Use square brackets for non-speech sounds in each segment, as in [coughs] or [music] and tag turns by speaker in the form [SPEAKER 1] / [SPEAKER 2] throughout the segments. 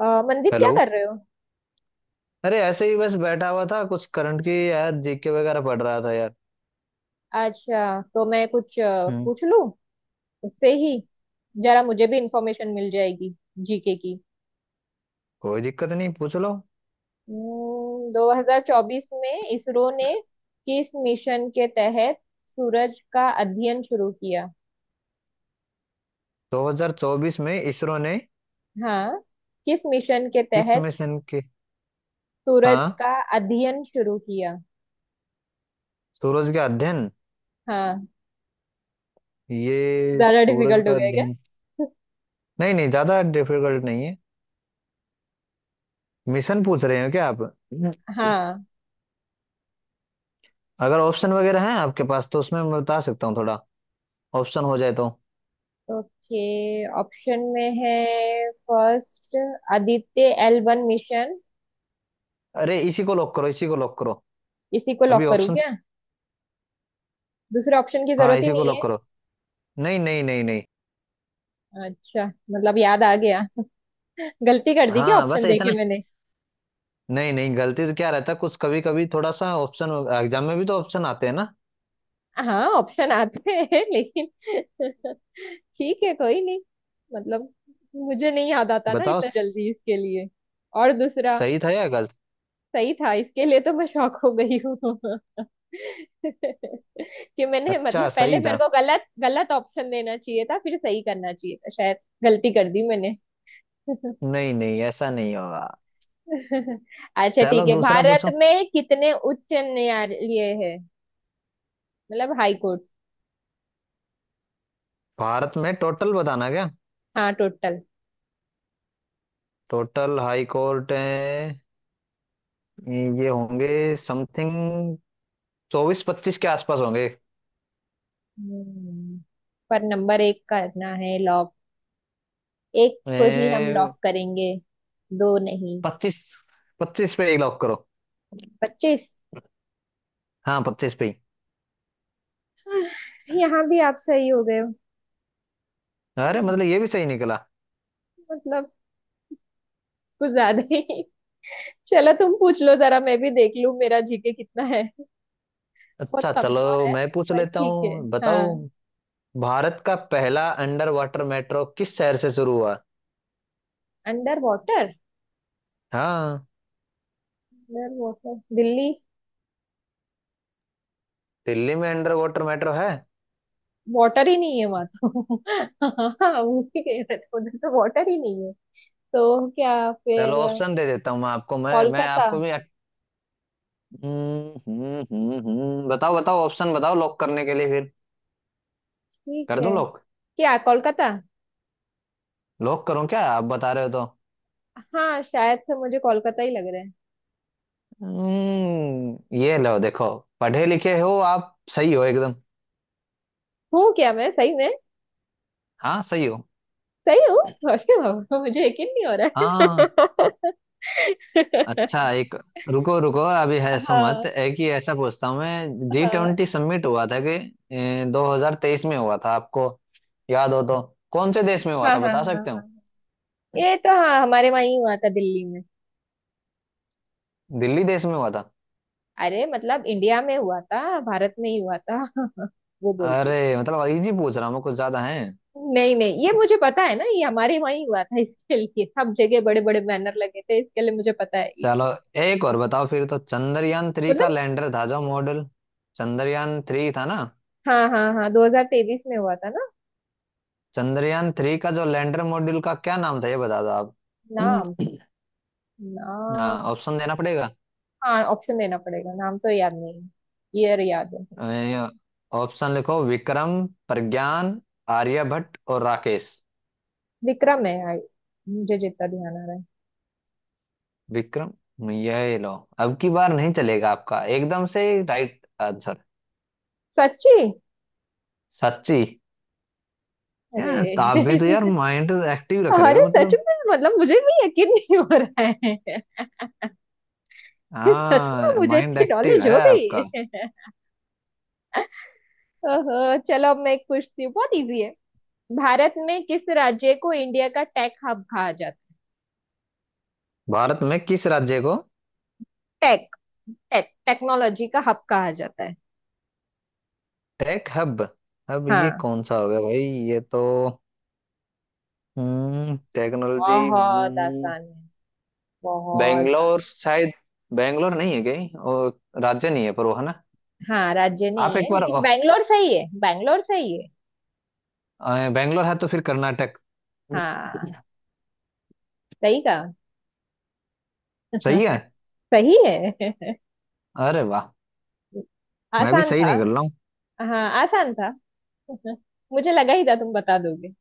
[SPEAKER 1] अ, मंदीप क्या
[SPEAKER 2] हेलो।
[SPEAKER 1] कर रहे हो?
[SPEAKER 2] अरे ऐसे ही बस बैठा हुआ था, कुछ करंट की यार जीके वगैरह पढ़ रहा था यार।
[SPEAKER 1] अच्छा, तो मैं कुछ
[SPEAKER 2] हम्म।
[SPEAKER 1] पूछ लूं उससे ही। जरा मुझे भी इंफॉर्मेशन मिल जाएगी जीके की।
[SPEAKER 2] कोई दिक्कत नहीं, पूछ लो।
[SPEAKER 1] 2024 में इसरो ने किस मिशन के तहत सूरज का अध्ययन शुरू किया?
[SPEAKER 2] 2024 में इसरो ने
[SPEAKER 1] हाँ। किस मिशन के
[SPEAKER 2] किस
[SPEAKER 1] तहत
[SPEAKER 2] मिशन के?
[SPEAKER 1] सूरज
[SPEAKER 2] हाँ,
[SPEAKER 1] का अध्ययन शुरू किया?
[SPEAKER 2] सूरज का अध्ययन।
[SPEAKER 1] हाँ।
[SPEAKER 2] ये
[SPEAKER 1] ज्यादा
[SPEAKER 2] सूरज
[SPEAKER 1] डिफिकल्ट हो
[SPEAKER 2] का
[SPEAKER 1] गया क्या?
[SPEAKER 2] अध्ययन। नहीं नहीं ज्यादा डिफिकल्ट नहीं है। मिशन पूछ रहे हो क्या आप?
[SPEAKER 1] हाँ।
[SPEAKER 2] अगर ऑप्शन वगैरह हैं आपके पास तो उसमें मैं बता सकता हूँ थोड़ा। ऑप्शन हो जाए तो।
[SPEAKER 1] ओके। ऑप्शन में है, first Aditya L one mission.
[SPEAKER 2] अरे इसी को लॉक करो, इसी को लॉक करो।
[SPEAKER 1] इसी को
[SPEAKER 2] अभी
[SPEAKER 1] लॉक करूँ
[SPEAKER 2] ऑप्शन।
[SPEAKER 1] क्या? दूसरे ऑप्शन की
[SPEAKER 2] हाँ,
[SPEAKER 1] जरूरत ही
[SPEAKER 2] इसी को
[SPEAKER 1] नहीं है।
[SPEAKER 2] लॉक करो। नहीं, नहीं।
[SPEAKER 1] अच्छा, मतलब याद आ गया। गलती कर दी क्या
[SPEAKER 2] हाँ बस
[SPEAKER 1] ऑप्शन देके
[SPEAKER 2] इतना।
[SPEAKER 1] मैंने?
[SPEAKER 2] नहीं नहीं, गलती से क्या रहता है कुछ, कभी कभी थोड़ा सा ऑप्शन। एग्जाम में भी तो ऑप्शन आते हैं ना।
[SPEAKER 1] हाँ, ऑप्शन आते हैं लेकिन [laughs] ठीक है कोई नहीं। मतलब, मुझे नहीं याद आता ना
[SPEAKER 2] बताओ।
[SPEAKER 1] इतना जल्दी इसके लिए। और दूसरा
[SPEAKER 2] सही था या गलत?
[SPEAKER 1] सही था, इसके लिए तो मैं शॉक हो गई हूँ। [laughs] कि मैंने
[SPEAKER 2] अच्छा,
[SPEAKER 1] मतलब पहले
[SPEAKER 2] सही
[SPEAKER 1] मेरे
[SPEAKER 2] था।
[SPEAKER 1] को गलत गलत ऑप्शन देना चाहिए था, फिर सही करना चाहिए था शायद। गलती कर दी मैंने। [laughs]
[SPEAKER 2] नहीं नहीं ऐसा नहीं होगा।
[SPEAKER 1] अच्छा
[SPEAKER 2] चलो
[SPEAKER 1] ठीक है,
[SPEAKER 2] दूसरा
[SPEAKER 1] भारत
[SPEAKER 2] पूछो।
[SPEAKER 1] में कितने उच्च न्यायालय है? मतलब हाई कोर्ट।
[SPEAKER 2] भारत में टोटल बताना क्या?
[SPEAKER 1] हाँ, टोटल।
[SPEAKER 2] टोटल हाई कोर्ट है। ये होंगे समथिंग चौबीस पच्चीस के आसपास होंगे।
[SPEAKER 1] हम्म पर नंबर एक करना है लॉक। एक को ही हम
[SPEAKER 2] ए,
[SPEAKER 1] लॉक करेंगे, दो नहीं।
[SPEAKER 2] पच्चीस। पच्चीस पे ही लॉक करो।
[SPEAKER 1] 25।
[SPEAKER 2] हाँ पच्चीस पे ही।
[SPEAKER 1] यहाँ भी आप सही हो गए हो।
[SPEAKER 2] अरे
[SPEAKER 1] हाँ,
[SPEAKER 2] मतलब ये भी सही निकला।
[SPEAKER 1] मतलब कुछ ज्यादा ही। चलो तुम पूछ लो, जरा मैं भी देख लूं मेरा जीके कितना है। बहुत
[SPEAKER 2] अच्छा चलो
[SPEAKER 1] कमजोर है।
[SPEAKER 2] मैं पूछ
[SPEAKER 1] पर
[SPEAKER 2] लेता
[SPEAKER 1] ठीक है,
[SPEAKER 2] हूँ, बताओ।
[SPEAKER 1] हाँ।
[SPEAKER 2] भारत का पहला अंडर वाटर मेट्रो किस शहर से शुरू हुआ?
[SPEAKER 1] Under water?
[SPEAKER 2] हाँ,
[SPEAKER 1] अंडर वाटर दिल्ली।
[SPEAKER 2] दिल्ली में अंडर वाटर मेट्रो है?
[SPEAKER 1] वाटर ही नहीं है वहां तो। [laughs] हाँ, वो भी कह रहे थे उधर तो वाटर ही नहीं है। तो क्या
[SPEAKER 2] चलो
[SPEAKER 1] फिर?
[SPEAKER 2] ऑप्शन दे देता हूँ मैं आपको। मैं
[SPEAKER 1] कोलकाता।
[SPEAKER 2] आपको भी बताओ बताओ, ऑप्शन बताओ लॉक करने के लिए फिर।
[SPEAKER 1] ठीक
[SPEAKER 2] कर
[SPEAKER 1] है।
[SPEAKER 2] दूं लॉक?
[SPEAKER 1] क्या कोलकाता?
[SPEAKER 2] लॉक करूं क्या, आप बता रहे हो तो?
[SPEAKER 1] हाँ, शायद से मुझे कोलकाता ही लग रहा है।
[SPEAKER 2] हम्म, ये लो देखो। पढ़े लिखे हो आप, सही हो एकदम।
[SPEAKER 1] हूँ क्या, मैं सही में?
[SPEAKER 2] हाँ सही हो।
[SPEAKER 1] सही हूँ? अरे बाबा, मुझे यकीन नहीं हो रहा
[SPEAKER 2] हाँ। अच्छा
[SPEAKER 1] है।
[SPEAKER 2] एक, रुको रुको, अभी है
[SPEAKER 1] [laughs]
[SPEAKER 2] ऐसा मत,
[SPEAKER 1] हाँ,
[SPEAKER 2] एक ही ऐसा पूछता हूँ मैं। जी
[SPEAKER 1] हाँ,
[SPEAKER 2] ट्वेंटी समिट हुआ था, कि दो हजार तेईस में हुआ था आपको याद हो तो कौन से देश में हुआ
[SPEAKER 1] हाँ,
[SPEAKER 2] था
[SPEAKER 1] हाँ।
[SPEAKER 2] बता
[SPEAKER 1] हाँ,
[SPEAKER 2] सकते
[SPEAKER 1] हाँ।
[SPEAKER 2] हो?
[SPEAKER 1] ये तो हाँ, हमारे वहाँ ही हुआ था दिल्ली में।
[SPEAKER 2] दिल्ली देश में हुआ था?
[SPEAKER 1] अरे मतलब इंडिया में हुआ था, भारत में ही हुआ था। [laughs] वो बोल रही
[SPEAKER 2] अरे
[SPEAKER 1] हूँ।
[SPEAKER 2] मतलब इजी पूछ रहा हूँ मैं, कुछ ज्यादा है?
[SPEAKER 1] नहीं नहीं, ये मुझे पता है ना, ये हमारे वहां ही हुआ था, इसके लिए सब जगह बड़े बड़े बैनर लगे थे, इसके लिए मुझे पता है ये।
[SPEAKER 2] चलो एक और बताओ फिर तो। चंद्रयान थ्री का
[SPEAKER 1] मतलब
[SPEAKER 2] लैंडर था, जो मॉडल चंद्रयान थ्री था ना,
[SPEAKER 1] हाँ हाँ हाँ, 2023 में हुआ था ना?
[SPEAKER 2] चंद्रयान थ्री का जो लैंडर मॉड्यूल का क्या नाम था ये बता दो आप।
[SPEAKER 1] नाम?
[SPEAKER 2] [coughs] हाँ,
[SPEAKER 1] नाम।
[SPEAKER 2] ऑप्शन देना पड़ेगा।
[SPEAKER 1] हाँ, ऑप्शन देना पड़ेगा, नाम तो याद नहीं। ईयर याद है।
[SPEAKER 2] अ, ऑप्शन लिखो, विक्रम, प्रज्ञान, आर्यभट्ट और राकेश।
[SPEAKER 1] विक्रम है आई। मुझे जितना ध्यान आ रहा है।
[SPEAKER 2] विक्रम, यह लो। अब की बार नहीं चलेगा आपका एकदम से। Right answer.
[SPEAKER 1] सच्ची?
[SPEAKER 2] सच्ची।
[SPEAKER 1] अरे।
[SPEAKER 2] यार तो आप भी तो यार
[SPEAKER 1] [laughs]
[SPEAKER 2] माइंड एक्टिव रख रहे
[SPEAKER 1] अरे
[SPEAKER 2] हो
[SPEAKER 1] सच
[SPEAKER 2] मतलब।
[SPEAKER 1] में, मतलब मुझे भी यकीन नहीं हो रहा है। [laughs] सच में
[SPEAKER 2] हाँ
[SPEAKER 1] मुझे
[SPEAKER 2] माइंड
[SPEAKER 1] इतनी
[SPEAKER 2] एक्टिव
[SPEAKER 1] नॉलेज
[SPEAKER 2] है
[SPEAKER 1] हो गई
[SPEAKER 2] आपका।
[SPEAKER 1] है। [laughs] ओहो। चलो, अब मैं एक पूछती हूँ, बहुत इजी है। भारत में किस राज्य को इंडिया का टेक हब कहा जाता
[SPEAKER 2] भारत में किस राज्य को
[SPEAKER 1] है? टेक टेक टेक्नोलॉजी का हब कहा जाता है।
[SPEAKER 2] Tech hub? हब ये
[SPEAKER 1] हाँ,
[SPEAKER 2] कौन सा होगा भाई? ये तो, हम्म, टेक्नोलॉजी।
[SPEAKER 1] बहुत आसान है, बहुत
[SPEAKER 2] बेंगलोर
[SPEAKER 1] ज्यादा।
[SPEAKER 2] शायद। बेंगलोर नहीं है कहीं और? राज्य नहीं है पर वो है ना।
[SPEAKER 1] हाँ, राज्य
[SPEAKER 2] आप
[SPEAKER 1] नहीं
[SPEAKER 2] एक
[SPEAKER 1] है
[SPEAKER 2] बार
[SPEAKER 1] लेकिन बैंगलोर सही है, बैंगलोर सही है।
[SPEAKER 2] बैंगलोर है तो फिर कर्नाटक।
[SPEAKER 1] हाँ, सही कहा।
[SPEAKER 2] सही है।
[SPEAKER 1] [laughs] सही है।
[SPEAKER 2] अरे वाह।
[SPEAKER 1] [laughs]
[SPEAKER 2] मैं भी
[SPEAKER 1] आसान
[SPEAKER 2] सही
[SPEAKER 1] था।
[SPEAKER 2] निकल रहा हूँ।
[SPEAKER 1] हाँ आसान था। [laughs] मुझे लगा ही था तुम बता दोगे।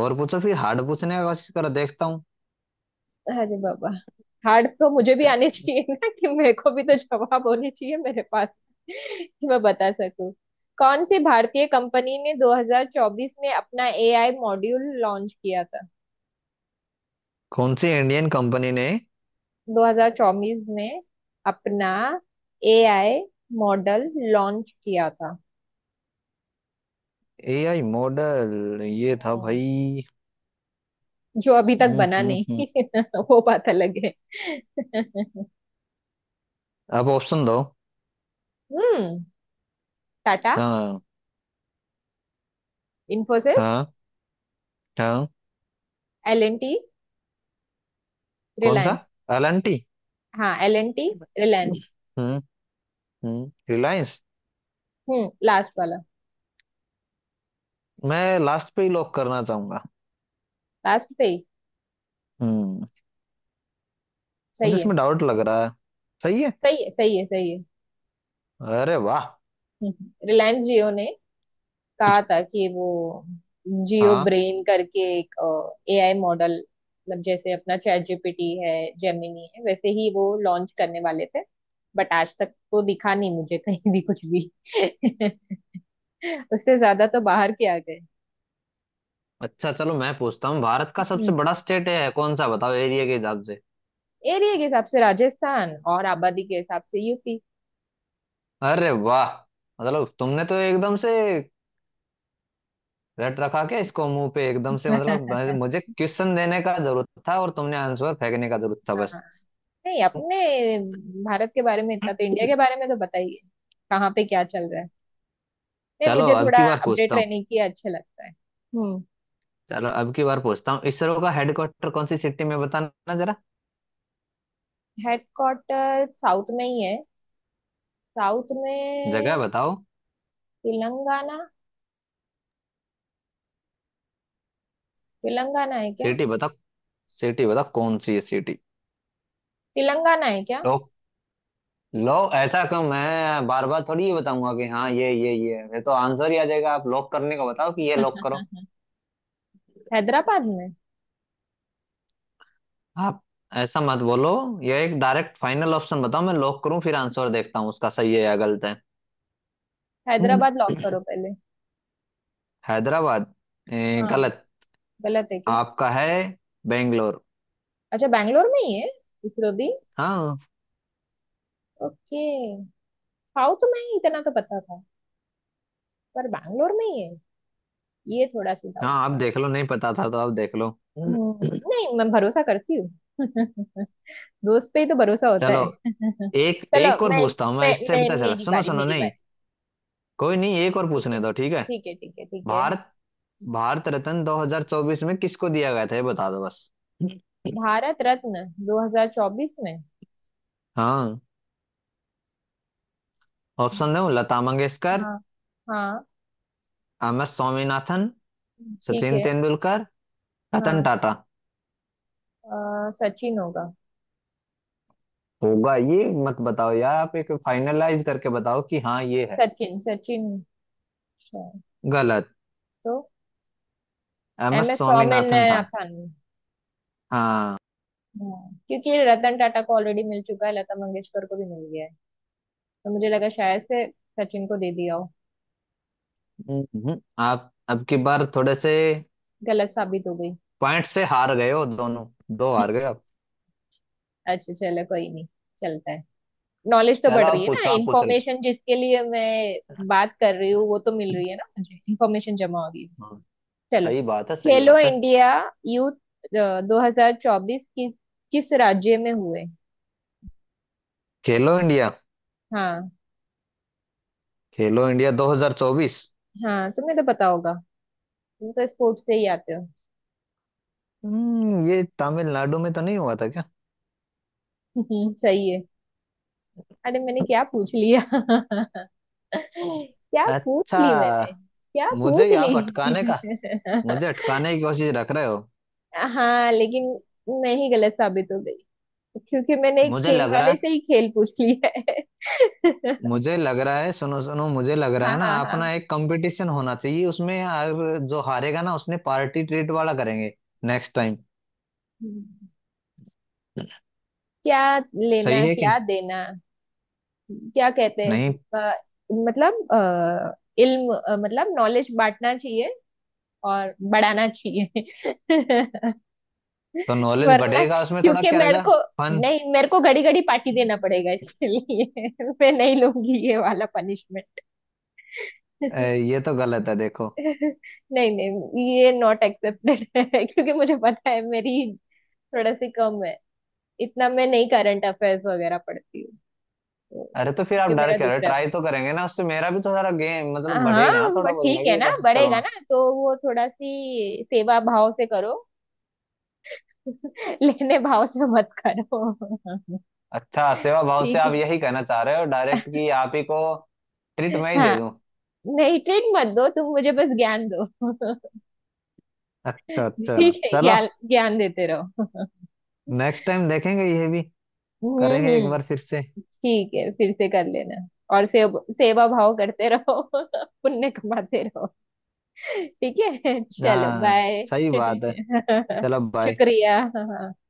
[SPEAKER 2] और पूछो फिर, हार्ड पूछने का कोशिश करो, देखता हूँ।
[SPEAKER 1] अरे बाबा, हार्ड तो मुझे भी आनी चाहिए ना, कि मेरे को भी तो जवाब होने चाहिए मेरे पास [laughs] कि मैं बता सकूं। कौन सी भारतीय कंपनी ने 2024 में अपना एआई मॉड्यूल लॉन्च किया था?
[SPEAKER 2] कौन सी इंडियन कंपनी ने
[SPEAKER 1] 2024 में अपना एआई मॉडल लॉन्च किया था।
[SPEAKER 2] AI model? ये था
[SPEAKER 1] हम्म,
[SPEAKER 2] भाई।
[SPEAKER 1] जो अभी तक
[SPEAKER 2] हम्म
[SPEAKER 1] बना
[SPEAKER 2] हम्म हम्म
[SPEAKER 1] नहीं। [laughs] वो बात अलग है।
[SPEAKER 2] अब ऑप्शन दो।
[SPEAKER 1] हम्म। टाटा।
[SPEAKER 2] हाँ।
[SPEAKER 1] इन्फोसिस।
[SPEAKER 2] हाँ। हाँ।
[SPEAKER 1] L N T.
[SPEAKER 2] कौन सा?
[SPEAKER 1] रिलायंस।
[SPEAKER 2] एलएनटी।
[SPEAKER 1] हाँ, एल एन टी, रिलायंस।
[SPEAKER 2] हम्म हम्म, रिलायंस।
[SPEAKER 1] लास्ट वाला।
[SPEAKER 2] मैं लास्ट पे ही लॉक करना चाहूंगा।
[SPEAKER 1] लास्ट पे ही।
[SPEAKER 2] हम्म। मुझे
[SPEAKER 1] सही है,
[SPEAKER 2] इसमें डाउट लग रहा है। सही है।
[SPEAKER 1] सही है, सही है, सही
[SPEAKER 2] अरे वाह।
[SPEAKER 1] है। रिलायंस जियो ने कहा था कि वो जियो
[SPEAKER 2] हाँ।
[SPEAKER 1] ब्रेन करके एक एआई मॉडल, मतलब जैसे अपना चैट जीपीटी है, जेमिनी है, वैसे ही वो लॉन्च करने वाले थे। बट आज तक तो दिखा नहीं मुझे कहीं भी कुछ भी। [laughs] उससे ज्यादा तो बाहर के आ गए।
[SPEAKER 2] अच्छा चलो मैं पूछता हूँ, भारत का सबसे बड़ा स्टेट है कौन सा बताओ एरिया के हिसाब से?
[SPEAKER 1] एरिया के हिसाब से राजस्थान, और आबादी के हिसाब से यूपी।
[SPEAKER 2] अरे वाह। मतलब तुमने तो एकदम से रट रखा क्या इसको मुंह पे एकदम से। मतलब
[SPEAKER 1] [laughs]
[SPEAKER 2] मुझे मुझे क्वेश्चन देने का जरूरत था और तुमने आंसर फेंकने का जरूरत था
[SPEAKER 1] हाँ।
[SPEAKER 2] बस।
[SPEAKER 1] नहीं, अपने भारत के बारे में इतना तो, इंडिया के बारे में तो बताइए कहाँ पे क्या चल रहा है। नहीं,
[SPEAKER 2] चलो
[SPEAKER 1] मुझे
[SPEAKER 2] अब की
[SPEAKER 1] थोड़ा
[SPEAKER 2] बार
[SPEAKER 1] अपडेट
[SPEAKER 2] पूछता हूँ।
[SPEAKER 1] रहने की अच्छा लगता है। हम्म।
[SPEAKER 2] चलो अब की बार पूछता हूँ, इसरो का हेडक्वार्टर कौन सी सिटी में बताना जरा?
[SPEAKER 1] हेडक्वार्टर साउथ में ही है, साउथ
[SPEAKER 2] जगह
[SPEAKER 1] में।
[SPEAKER 2] बताओ।
[SPEAKER 1] तेलंगाना। तेलंगाना है क्या?
[SPEAKER 2] सिटी बताओ। सिटी बताओ कौन सी है सिटी।
[SPEAKER 1] तेलंगाना है क्या?
[SPEAKER 2] लो। लो ऐसा क्यों, मैं बार बार थोड़ी ये बताऊंगा कि हाँ ये तो आंसर ही आ जाएगा। आप लॉक करने को बताओ कि ये लॉक करो।
[SPEAKER 1] [laughs] हैदराबाद में।
[SPEAKER 2] आप ऐसा मत बोलो। ये एक डायरेक्ट फाइनल ऑप्शन बताओ, मैं लॉक करूं, फिर आंसर देखता हूँ उसका सही है या गलत है। हम्म।
[SPEAKER 1] हैदराबाद लॉक करो पहले।
[SPEAKER 2] हैदराबाद।
[SPEAKER 1] हाँ।
[SPEAKER 2] गलत।
[SPEAKER 1] गलत है क्या?
[SPEAKER 2] आपका है बेंगलोर।
[SPEAKER 1] अच्छा, बैंगलोर में ही है इसरो भी।
[SPEAKER 2] हाँ।
[SPEAKER 1] ओके। साउथ में ही, इतना तो पता था। पर बैंगलोर में ही है, ये थोड़ा सा
[SPEAKER 2] हाँ
[SPEAKER 1] डाउट
[SPEAKER 2] आप
[SPEAKER 1] था।
[SPEAKER 2] देख लो, नहीं पता था तो आप देख लो। हम्म।
[SPEAKER 1] नहीं, मैं भरोसा करती हूँ। [laughs] दोस्त पे ही तो भरोसा होता
[SPEAKER 2] चलो
[SPEAKER 1] है। [laughs]
[SPEAKER 2] एक,
[SPEAKER 1] चलो
[SPEAKER 2] एक और पूछता हूँ मैं, इससे
[SPEAKER 1] मैं
[SPEAKER 2] पता चला।
[SPEAKER 1] मेरी
[SPEAKER 2] सुनो
[SPEAKER 1] बारी,
[SPEAKER 2] सुनो,
[SPEAKER 1] मेरी
[SPEAKER 2] नहीं,
[SPEAKER 1] बारी।
[SPEAKER 2] कोई नहीं, एक और
[SPEAKER 1] ठीक है,
[SPEAKER 2] पूछने दो, ठीक है?
[SPEAKER 1] ठीक है, ठीक है, ठीक है।
[SPEAKER 2] भारत, भारत रत्न 2024 में किसको दिया गया था ये बता दो बस।
[SPEAKER 1] भारत रत्न 2024 में?
[SPEAKER 2] हाँ, ऑप्शन दो। लता मंगेशकर,
[SPEAKER 1] हाँ। हाँ।
[SPEAKER 2] एम एस स्वामीनाथन,
[SPEAKER 1] ठीक
[SPEAKER 2] सचिन
[SPEAKER 1] है।
[SPEAKER 2] तेंदुलकर, रतन
[SPEAKER 1] हाँ,
[SPEAKER 2] टाटा।
[SPEAKER 1] सचिन होगा।
[SPEAKER 2] होगा ये मत बताओ यार, आप एक फाइनलाइज करके बताओ कि हाँ ये है।
[SPEAKER 1] सचिन, सचिन शायद।
[SPEAKER 2] गलत।
[SPEAKER 1] तो
[SPEAKER 2] M S
[SPEAKER 1] M S
[SPEAKER 2] Swaminathan था।
[SPEAKER 1] स्वामीनाथन।
[SPEAKER 2] हाँ।
[SPEAKER 1] हाँ, क्योंकि रतन टाटा को ऑलरेडी मिल चुका है, लता मंगेशकर को भी मिल गया है, तो मुझे लगा शायद से सचिन को दे दिया हो।
[SPEAKER 2] आप अब की बार थोड़े से
[SPEAKER 1] गलत साबित हो गई।
[SPEAKER 2] पॉइंट से हार गए हो दोनों। दो हार
[SPEAKER 1] [laughs]
[SPEAKER 2] गए आप।
[SPEAKER 1] अच्छा चलो कोई नहीं, चलता है। नॉलेज तो
[SPEAKER 2] चलो
[SPEAKER 1] बढ़ रही
[SPEAKER 2] आप
[SPEAKER 1] है ना,
[SPEAKER 2] पूछो, आप पूछ रहे थे।
[SPEAKER 1] इंफॉर्मेशन जिसके लिए मैं बात कर रही हूँ वो तो मिल रही है ना, मुझे इंफॉर्मेशन जमा हो रही है।
[SPEAKER 2] हाँ,
[SPEAKER 1] चलो।
[SPEAKER 2] सही बात है, सही
[SPEAKER 1] खेलो
[SPEAKER 2] बात है।
[SPEAKER 1] इंडिया यूथ 2024 किस किस राज्य में हुए?
[SPEAKER 2] खेलो इंडिया।
[SPEAKER 1] हाँ
[SPEAKER 2] खेलो इंडिया 2024।
[SPEAKER 1] हाँ, तुम्हें तो पता होगा, तुम तो स्पोर्ट्स से ही आते हो।
[SPEAKER 2] हम्म, ये तमिलनाडु में तो नहीं हुआ था क्या?
[SPEAKER 1] [laughs] सही है। अरे मैंने क्या पूछ लिया। [laughs] क्या पूछ
[SPEAKER 2] अच्छा,
[SPEAKER 1] ली मैंने, क्या
[SPEAKER 2] मुझे
[SPEAKER 1] पूछ
[SPEAKER 2] ही
[SPEAKER 1] ली।
[SPEAKER 2] आप अटकाने का, मुझे अटकाने की कोशिश रख रहे हो?
[SPEAKER 1] [laughs] हाँ लेकिन मैं ही गलत साबित हो गई, क्योंकि मैंने एक
[SPEAKER 2] मुझे
[SPEAKER 1] खेल
[SPEAKER 2] लग रहा
[SPEAKER 1] वाले
[SPEAKER 2] है।
[SPEAKER 1] से ही खेल पूछ ली है। [laughs]
[SPEAKER 2] मुझे लग रहा है, सुनो सुनो, मुझे लग रहा
[SPEAKER 1] हाँ,
[SPEAKER 2] है ना,
[SPEAKER 1] हाँ, हाँ।
[SPEAKER 2] अपना एक कंपटीशन होना चाहिए उसमें यार। जो हारेगा ना उसने पार्टी ट्रीट वाला करेंगे नेक्स्ट टाइम।
[SPEAKER 1] हम्म। क्या
[SPEAKER 2] सही
[SPEAKER 1] लेना
[SPEAKER 2] है कि
[SPEAKER 1] क्या
[SPEAKER 2] नहीं?
[SPEAKER 1] देना। क्या कहते
[SPEAKER 2] नहीं
[SPEAKER 1] हैं? अ, मतलब इल्म, मतलब नॉलेज बांटना चाहिए और बढ़ाना चाहिए। [laughs]
[SPEAKER 2] तो, नॉलेज
[SPEAKER 1] वरना,
[SPEAKER 2] बढ़ेगा उसमें, थोड़ा
[SPEAKER 1] क्योंकि
[SPEAKER 2] क्या
[SPEAKER 1] मेरे
[SPEAKER 2] रहेगा।
[SPEAKER 1] को,
[SPEAKER 2] फन।
[SPEAKER 1] नहीं मेरे को घड़ी घड़ी पार्टी देना पड़ेगा इसके लिए। [laughs] मैं नहीं लूंगी ये वाला पनिशमेंट। [laughs]
[SPEAKER 2] ये तो गलत है देखो।
[SPEAKER 1] नहीं नहीं, ये नॉट एक्सेप्टेड है, क्योंकि मुझे पता है मेरी थोड़ा सी कम है, इतना मैं नहीं करंट अफेयर्स वगैरह पढ़ती हूँ, तो
[SPEAKER 2] अरे तो फिर आप
[SPEAKER 1] क्योंकि
[SPEAKER 2] डर
[SPEAKER 1] मेरा
[SPEAKER 2] क्या रहे,
[SPEAKER 1] दूसरा।
[SPEAKER 2] ट्राई तो करेंगे ना, उससे मेरा भी तो सारा गेम मतलब
[SPEAKER 1] हाँ
[SPEAKER 2] बढ़ेगा ना
[SPEAKER 1] वो
[SPEAKER 2] थोड़ा बहुत, मैं
[SPEAKER 1] ठीक है
[SPEAKER 2] भी
[SPEAKER 1] ना,
[SPEAKER 2] कोशिश
[SPEAKER 1] बढ़ेगा
[SPEAKER 2] करूंगा।
[SPEAKER 1] ना तो वो थोड़ा सी सेवा भाव से करो। [laughs] लेने भाव से मत करो।
[SPEAKER 2] अच्छा,
[SPEAKER 1] [laughs]
[SPEAKER 2] सेवा भाव से
[SPEAKER 1] ठीक है।
[SPEAKER 2] आप यही कहना चाह रहे हो डायरेक्ट कि आप ही को ट्रीट मैं ही दे
[SPEAKER 1] हाँ।
[SPEAKER 2] दूं?
[SPEAKER 1] नहीं, ट्रीट मत दो तुम मुझे, बस ज्ञान दो। [laughs]
[SPEAKER 2] अच्छा अच्छा।
[SPEAKER 1] ठीक है,
[SPEAKER 2] चलो
[SPEAKER 1] ज्ञान ज्ञान देते रहो।
[SPEAKER 2] नेक्स्ट टाइम देखेंगे, ये भी
[SPEAKER 1] हम्म,
[SPEAKER 2] करेंगे एक
[SPEAKER 1] हम्म।
[SPEAKER 2] बार फिर से।
[SPEAKER 1] ठीक है, फिर से कर लेना। और सेवा भाव करते रहो। [laughs] पुण्य कमाते रहो। ठीक है, चलो
[SPEAKER 2] हाँ
[SPEAKER 1] बाय।
[SPEAKER 2] सही बात है।
[SPEAKER 1] [laughs]
[SPEAKER 2] चलो भाई।
[SPEAKER 1] शुक्रिया, हाँ हाँ।